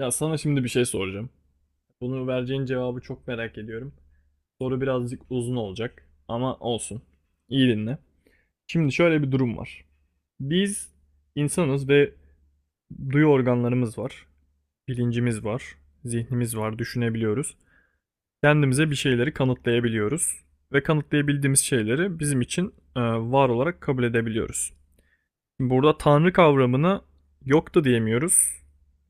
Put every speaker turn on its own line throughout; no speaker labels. Ya sana şimdi bir şey soracağım. Bunu vereceğin cevabı çok merak ediyorum. Soru birazcık uzun olacak ama olsun. İyi dinle. Şimdi şöyle bir durum var. Biz insanız ve duyu organlarımız var, bilincimiz var, zihnimiz var, düşünebiliyoruz. Kendimize bir şeyleri kanıtlayabiliyoruz ve kanıtlayabildiğimiz şeyleri bizim için var olarak kabul edebiliyoruz. Şimdi burada tanrı kavramını yok da diyemiyoruz,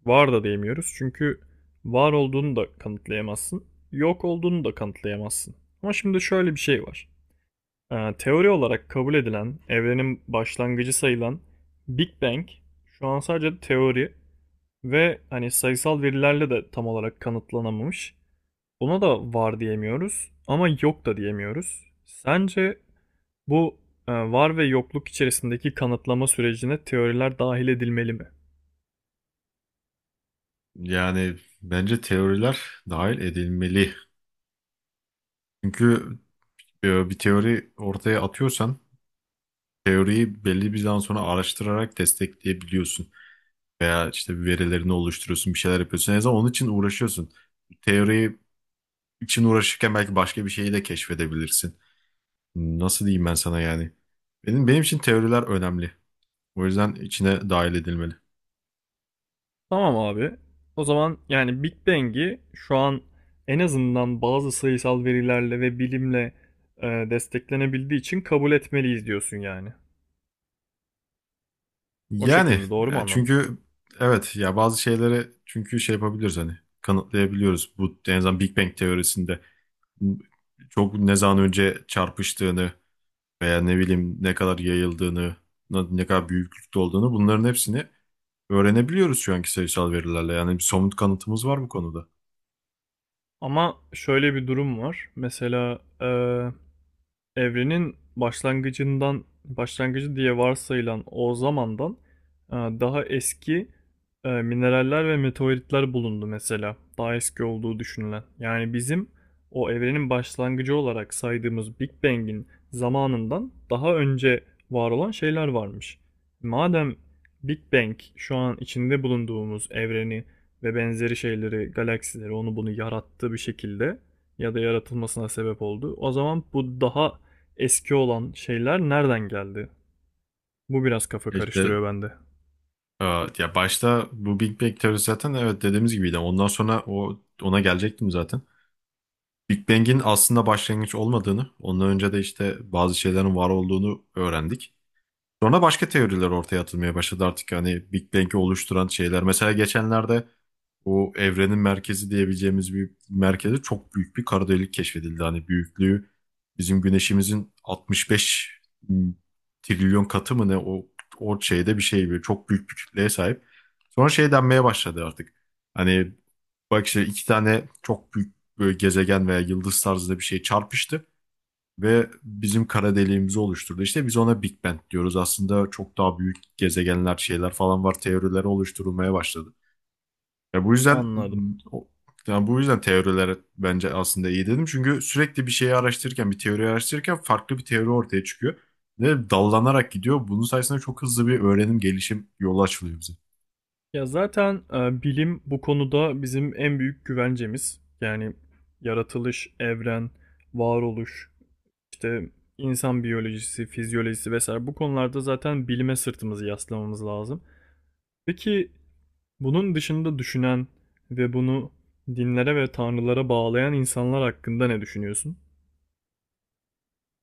var da diyemiyoruz. Çünkü var olduğunu da kanıtlayamazsın, yok olduğunu da kanıtlayamazsın. Ama şimdi şöyle bir şey var. Teori olarak kabul edilen, evrenin başlangıcı sayılan Big Bang şu an sadece teori ve hani sayısal verilerle de tam olarak kanıtlanamamış. Buna da var diyemiyoruz ama yok da diyemiyoruz. Sence bu var ve yokluk içerisindeki kanıtlama sürecine teoriler dahil edilmeli mi?
Yani bence teoriler dahil edilmeli. Çünkü bir teori ortaya atıyorsan teoriyi belli bir zaman sonra araştırarak destekleyebiliyorsun. Veya işte bir verilerini oluşturuyorsun, bir şeyler yapıyorsun. En azından onun için uğraşıyorsun. Teori için uğraşırken belki başka bir şeyi de keşfedebilirsin. Nasıl diyeyim ben sana yani? Benim için teoriler önemli. O yüzden içine dahil edilmeli.
Tamam abi. O zaman yani Big Bang'i şu an en azından bazı sayısal verilerle ve bilimle desteklenebildiği için kabul etmeliyiz diyorsun yani. O
Yani
şekil mi? Doğru mu anladım?
çünkü evet ya bazı şeyleri çünkü şey yapabiliriz hani kanıtlayabiliyoruz. Bu en azından Big Bang teorisinde m- çok ne zaman önce çarpıştığını veya ne bileyim ne kadar yayıldığını, ne kadar büyüklükte olduğunu bunların hepsini öğrenebiliyoruz şu anki sayısal verilerle. Yani bir somut kanıtımız var bu konuda.
Ama şöyle bir durum var. Mesela evrenin başlangıcından başlangıcı diye varsayılan o zamandan daha eski mineraller ve meteoritler bulundu mesela. Daha eski olduğu düşünülen. Yani bizim o evrenin başlangıcı olarak saydığımız Big Bang'in zamanından daha önce var olan şeyler varmış. Madem Big Bang şu an içinde bulunduğumuz evreni ve benzeri şeyleri, galaksileri onu bunu yarattı bir şekilde ya da yaratılmasına sebep oldu. O zaman bu daha eski olan şeyler nereden geldi? Bu biraz kafa
İşte
karıştırıyor bende.
e, ya başta bu Big Bang teorisi zaten evet dediğimiz gibiydi. Ondan sonra ona gelecektim zaten. Big Bang'in aslında başlangıç olmadığını, ondan önce de işte bazı şeylerin var olduğunu öğrendik. Sonra başka teoriler ortaya atılmaya başladı artık hani Big Bang'i oluşturan şeyler. Mesela geçenlerde o evrenin merkezi diyebileceğimiz bir merkeze çok büyük bir kara delik keşfedildi. Hani büyüklüğü bizim güneşimizin 65 trilyon katı mı ne o şeyde bir şey böyle çok büyük bir kütleye sahip. Sonra şey denmeye başladı artık. Hani bak işte iki tane çok büyük böyle gezegen veya yıldız tarzında bir şey çarpıştı ve bizim kara deliğimizi oluşturdu. İşte biz ona Big Bang diyoruz. Aslında çok daha büyük gezegenler, şeyler falan var. Teorileri oluşturulmaya başladı. Ya bu yüzden
Anladım.
o- yani bu yüzden teoriler bence aslında iyi dedim. Çünkü sürekli bir şeyi araştırırken, bir teori araştırırken farklı bir teori ortaya çıkıyor. Ve dallanarak gidiyor. Bunun sayesinde çok hızlı bir öğrenim, gelişim yolu açılıyor bize.
Ya zaten bilim bu konuda bizim en büyük güvencemiz. Yani yaratılış, evren, varoluş, işte insan biyolojisi, fizyolojisi vesaire bu konularda zaten bilime sırtımızı yaslamamız lazım. Peki bunun dışında düşünen ve bunu dinlere ve tanrılara bağlayan insanlar hakkında ne düşünüyorsun?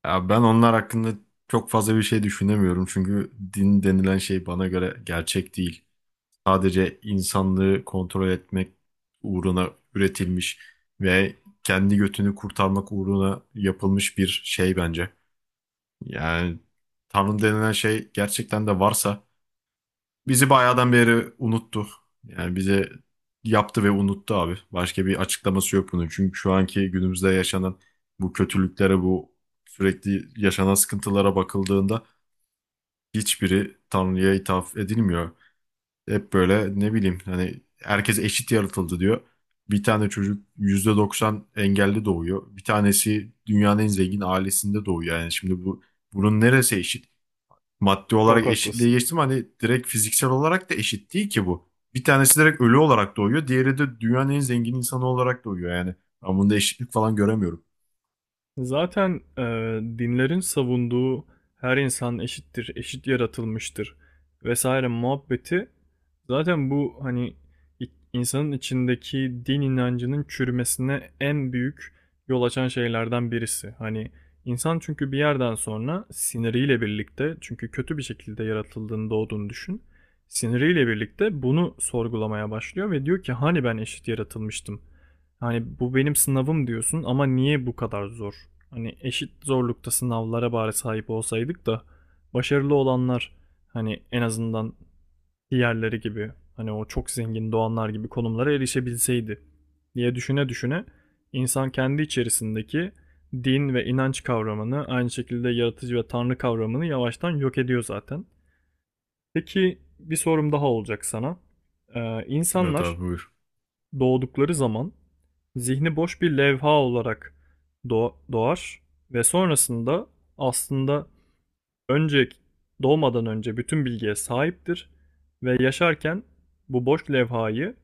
Ya ben onlar hakkında çok fazla bir şey düşünemiyorum. Çünkü din denilen şey bana göre gerçek değil. Sadece insanlığı kontrol etmek uğruna üretilmiş ve kendi götünü kurtarmak uğruna yapılmış bir şey bence. Yani Tanrı denilen şey gerçekten de varsa bizi bayağıdan beri unuttu. Yani bize yaptı ve unuttu abi. Başka bir açıklaması yok bunun. Çünkü şu anki günümüzde yaşanan bu kötülüklere, bu sürekli yaşanan sıkıntılara bakıldığında hiçbiri Tanrı'ya ithaf edilmiyor. Hep böyle ne bileyim hani herkes eşit yaratıldı diyor. Bir tane çocuk %90 engelli doğuyor. Bir tanesi dünyanın en zengin ailesinde doğuyor. Yani şimdi bu bunun neresi eşit? Maddi olarak
Çok
eşitliğe
haklısın.
geçtim hani direkt fiziksel olarak da eşit değil ki bu. Bir tanesi direkt ölü olarak doğuyor. Diğeri de dünyanın en zengin insanı olarak doğuyor yani. Ben bunda eşitlik falan göremiyorum.
Zaten dinlerin savunduğu her insan eşittir, eşit yaratılmıştır vesaire muhabbeti zaten bu hani insanın içindeki din inancının çürümesine en büyük yol açan şeylerden birisi. Hani insan çünkü bir yerden sonra siniriyle birlikte çünkü kötü bir şekilde yaratıldığını doğduğunu düşün. Siniriyle birlikte bunu sorgulamaya başlıyor ve diyor ki hani ben eşit yaratılmıştım. Hani bu benim sınavım diyorsun ama niye bu kadar zor? Hani eşit zorlukta sınavlara bari sahip olsaydık da başarılı olanlar hani en azından diğerleri gibi hani o çok zengin doğanlar gibi konumlara erişebilseydi diye düşüne düşüne insan kendi içerisindeki din ve inanç kavramını aynı şekilde yaratıcı ve tanrı kavramını yavaştan yok ediyor zaten. Peki bir sorum daha olacak sana.
Evet
İnsanlar
abi buyur.
doğdukları zaman zihni boş bir levha olarak doğar ve sonrasında aslında önce doğmadan önce bütün bilgiye sahiptir ve yaşarken bu boş levhayı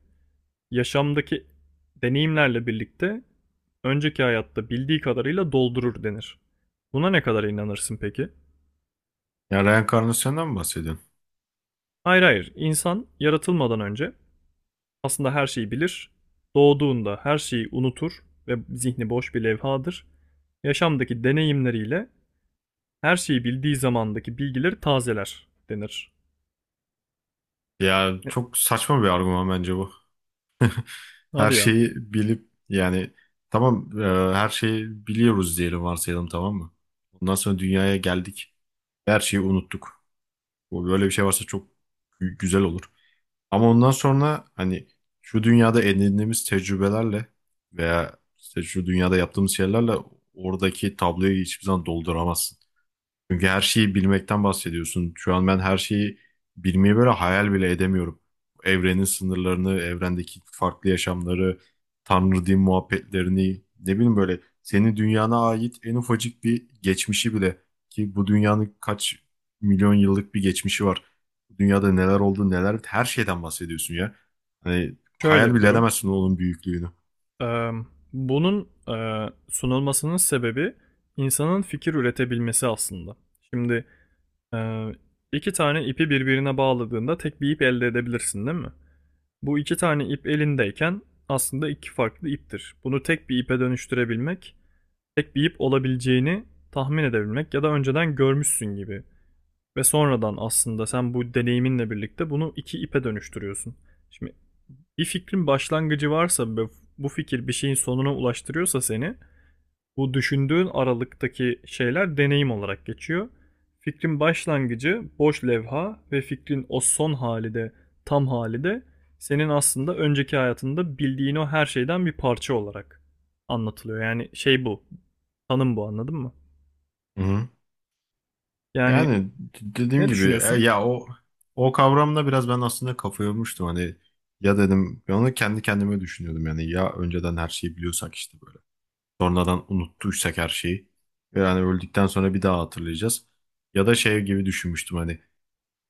yaşamdaki deneyimlerle birlikte önceki hayatta bildiği kadarıyla doldurur denir. Buna ne kadar inanırsın peki?
Ya reenkarnasyondan mı bahsediyorsun?
Hayır hayır, insan yaratılmadan önce aslında her şeyi bilir. Doğduğunda her şeyi unutur ve zihni boş bir levhadır. Yaşamdaki deneyimleriyle her şeyi bildiği zamandaki bilgileri tazeler denir.
Ya
E,
çok saçma bir argüman bence bu. Her
Hadi ya.
şeyi bilip yani tamam her şeyi biliyoruz diyelim varsayalım tamam mı? Ondan sonra dünyaya geldik. Her şeyi unuttuk. Bu böyle bir şey varsa çok güzel olur. Ama ondan sonra hani şu dünyada edindiğimiz tecrübelerle veya işte şu dünyada yaptığımız şeylerle oradaki tabloyu hiçbir zaman dolduramazsın. Çünkü her şeyi bilmekten bahsediyorsun. Şu an ben her şeyi bilmeyi böyle hayal bile edemiyorum. Evrenin sınırlarını, evrendeki farklı yaşamları, Tanrı din muhabbetlerini, ne bileyim böyle senin dünyana ait en ufacık bir geçmişi bile ki bu dünyanın kaç milyon yıllık bir geçmişi var. Bu dünyada neler oldu, neler her şeyden bahsediyorsun ya. Hani
Şöyle
hayal
bir
bile
durum.
edemezsin onun büyüklüğünü.
Ee, Bunun sunulmasının sebebi insanın fikir üretebilmesi aslında. Şimdi e, iki tane ipi birbirine bağladığında tek bir ip elde edebilirsin, değil mi? Bu iki tane ip elindeyken aslında iki farklı iptir. Bunu tek bir ipe dönüştürebilmek tek bir ip olabileceğini tahmin edebilmek ya da önceden görmüşsün gibi. Ve sonradan aslında sen bu deneyiminle birlikte bunu iki ipe dönüştürüyorsun. Şimdi bir fikrin başlangıcı varsa ve bu fikir bir şeyin sonuna ulaştırıyorsa seni bu düşündüğün aralıktaki şeyler deneyim olarak geçiyor. Fikrin başlangıcı boş levha ve fikrin o son hali de tam hali de senin aslında önceki hayatında bildiğin o her şeyden bir parça olarak anlatılıyor. Yani şey bu. Tanım bu anladın mı?
Hı hı.
Yani
Yani dediğim
ne
gibi
düşünüyorsun?
ya o kavramla biraz ben aslında kafa yormuştum hani ya dedim ben onu kendi kendime düşünüyordum yani ya önceden her şeyi biliyorsak işte böyle sonradan unuttuysak her şeyi yani öldükten sonra bir daha hatırlayacağız ya da şey gibi düşünmüştüm hani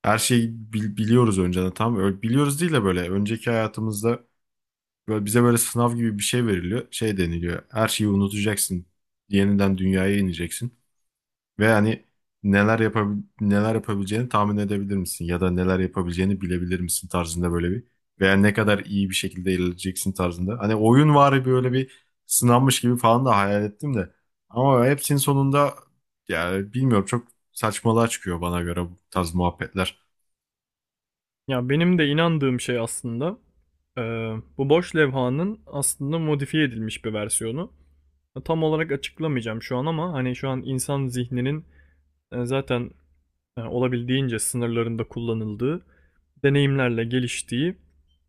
her şeyi biliyoruz önceden tamam öyle biliyoruz değil de böyle önceki hayatımızda böyle bize böyle sınav gibi bir şey veriliyor şey deniliyor her şeyi unutacaksın yeniden dünyaya ineceksin. Ve hani neler yapabileceğini tahmin edebilir misin? Ya da neler yapabileceğini bilebilir misin tarzında böyle bir veya ne kadar iyi bir şekilde ilerleyeceksin tarzında. Hani oyun var böyle bir sınanmış gibi falan da hayal ettim de. Ama hepsinin sonunda yani bilmiyorum çok saçmalığa çıkıyor bana göre bu tarz muhabbetler.
Ya benim de inandığım şey aslında e, bu boş levhanın aslında modifiye edilmiş bir versiyonu. Tam olarak açıklamayacağım şu an ama hani şu an insan zihninin zaten olabildiğince sınırlarında kullanıldığı, deneyimlerle geliştiği,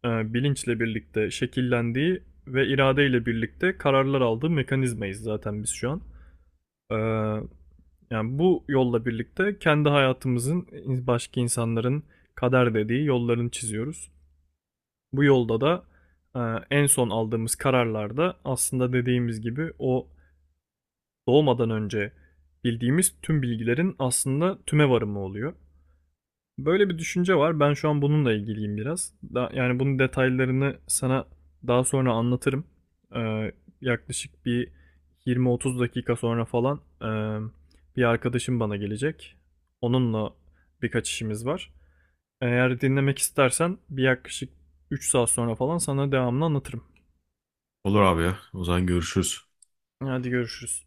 bilinçle birlikte şekillendiği ve iradeyle birlikte kararlar aldığı mekanizmayız zaten biz şu an. E, Yani bu yolla birlikte kendi hayatımızın başka insanların kader dediği yollarını çiziyoruz. Bu yolda da e, en son aldığımız kararlarda aslında dediğimiz gibi o doğmadan önce bildiğimiz tüm bilgilerin aslında tüme varımı oluyor. Böyle bir düşünce var. Ben şu an bununla ilgiliyim biraz. Da, yani bunun detaylarını sana daha sonra anlatırım. Ee, Yaklaşık bir 20-30 dakika sonra falan bir arkadaşım bana gelecek. Onunla birkaç işimiz var. Eğer dinlemek istersen bir yaklaşık 3 saat sonra falan sana devamını anlatırım.
Olur abi ya. O zaman görüşürüz.
Hadi görüşürüz.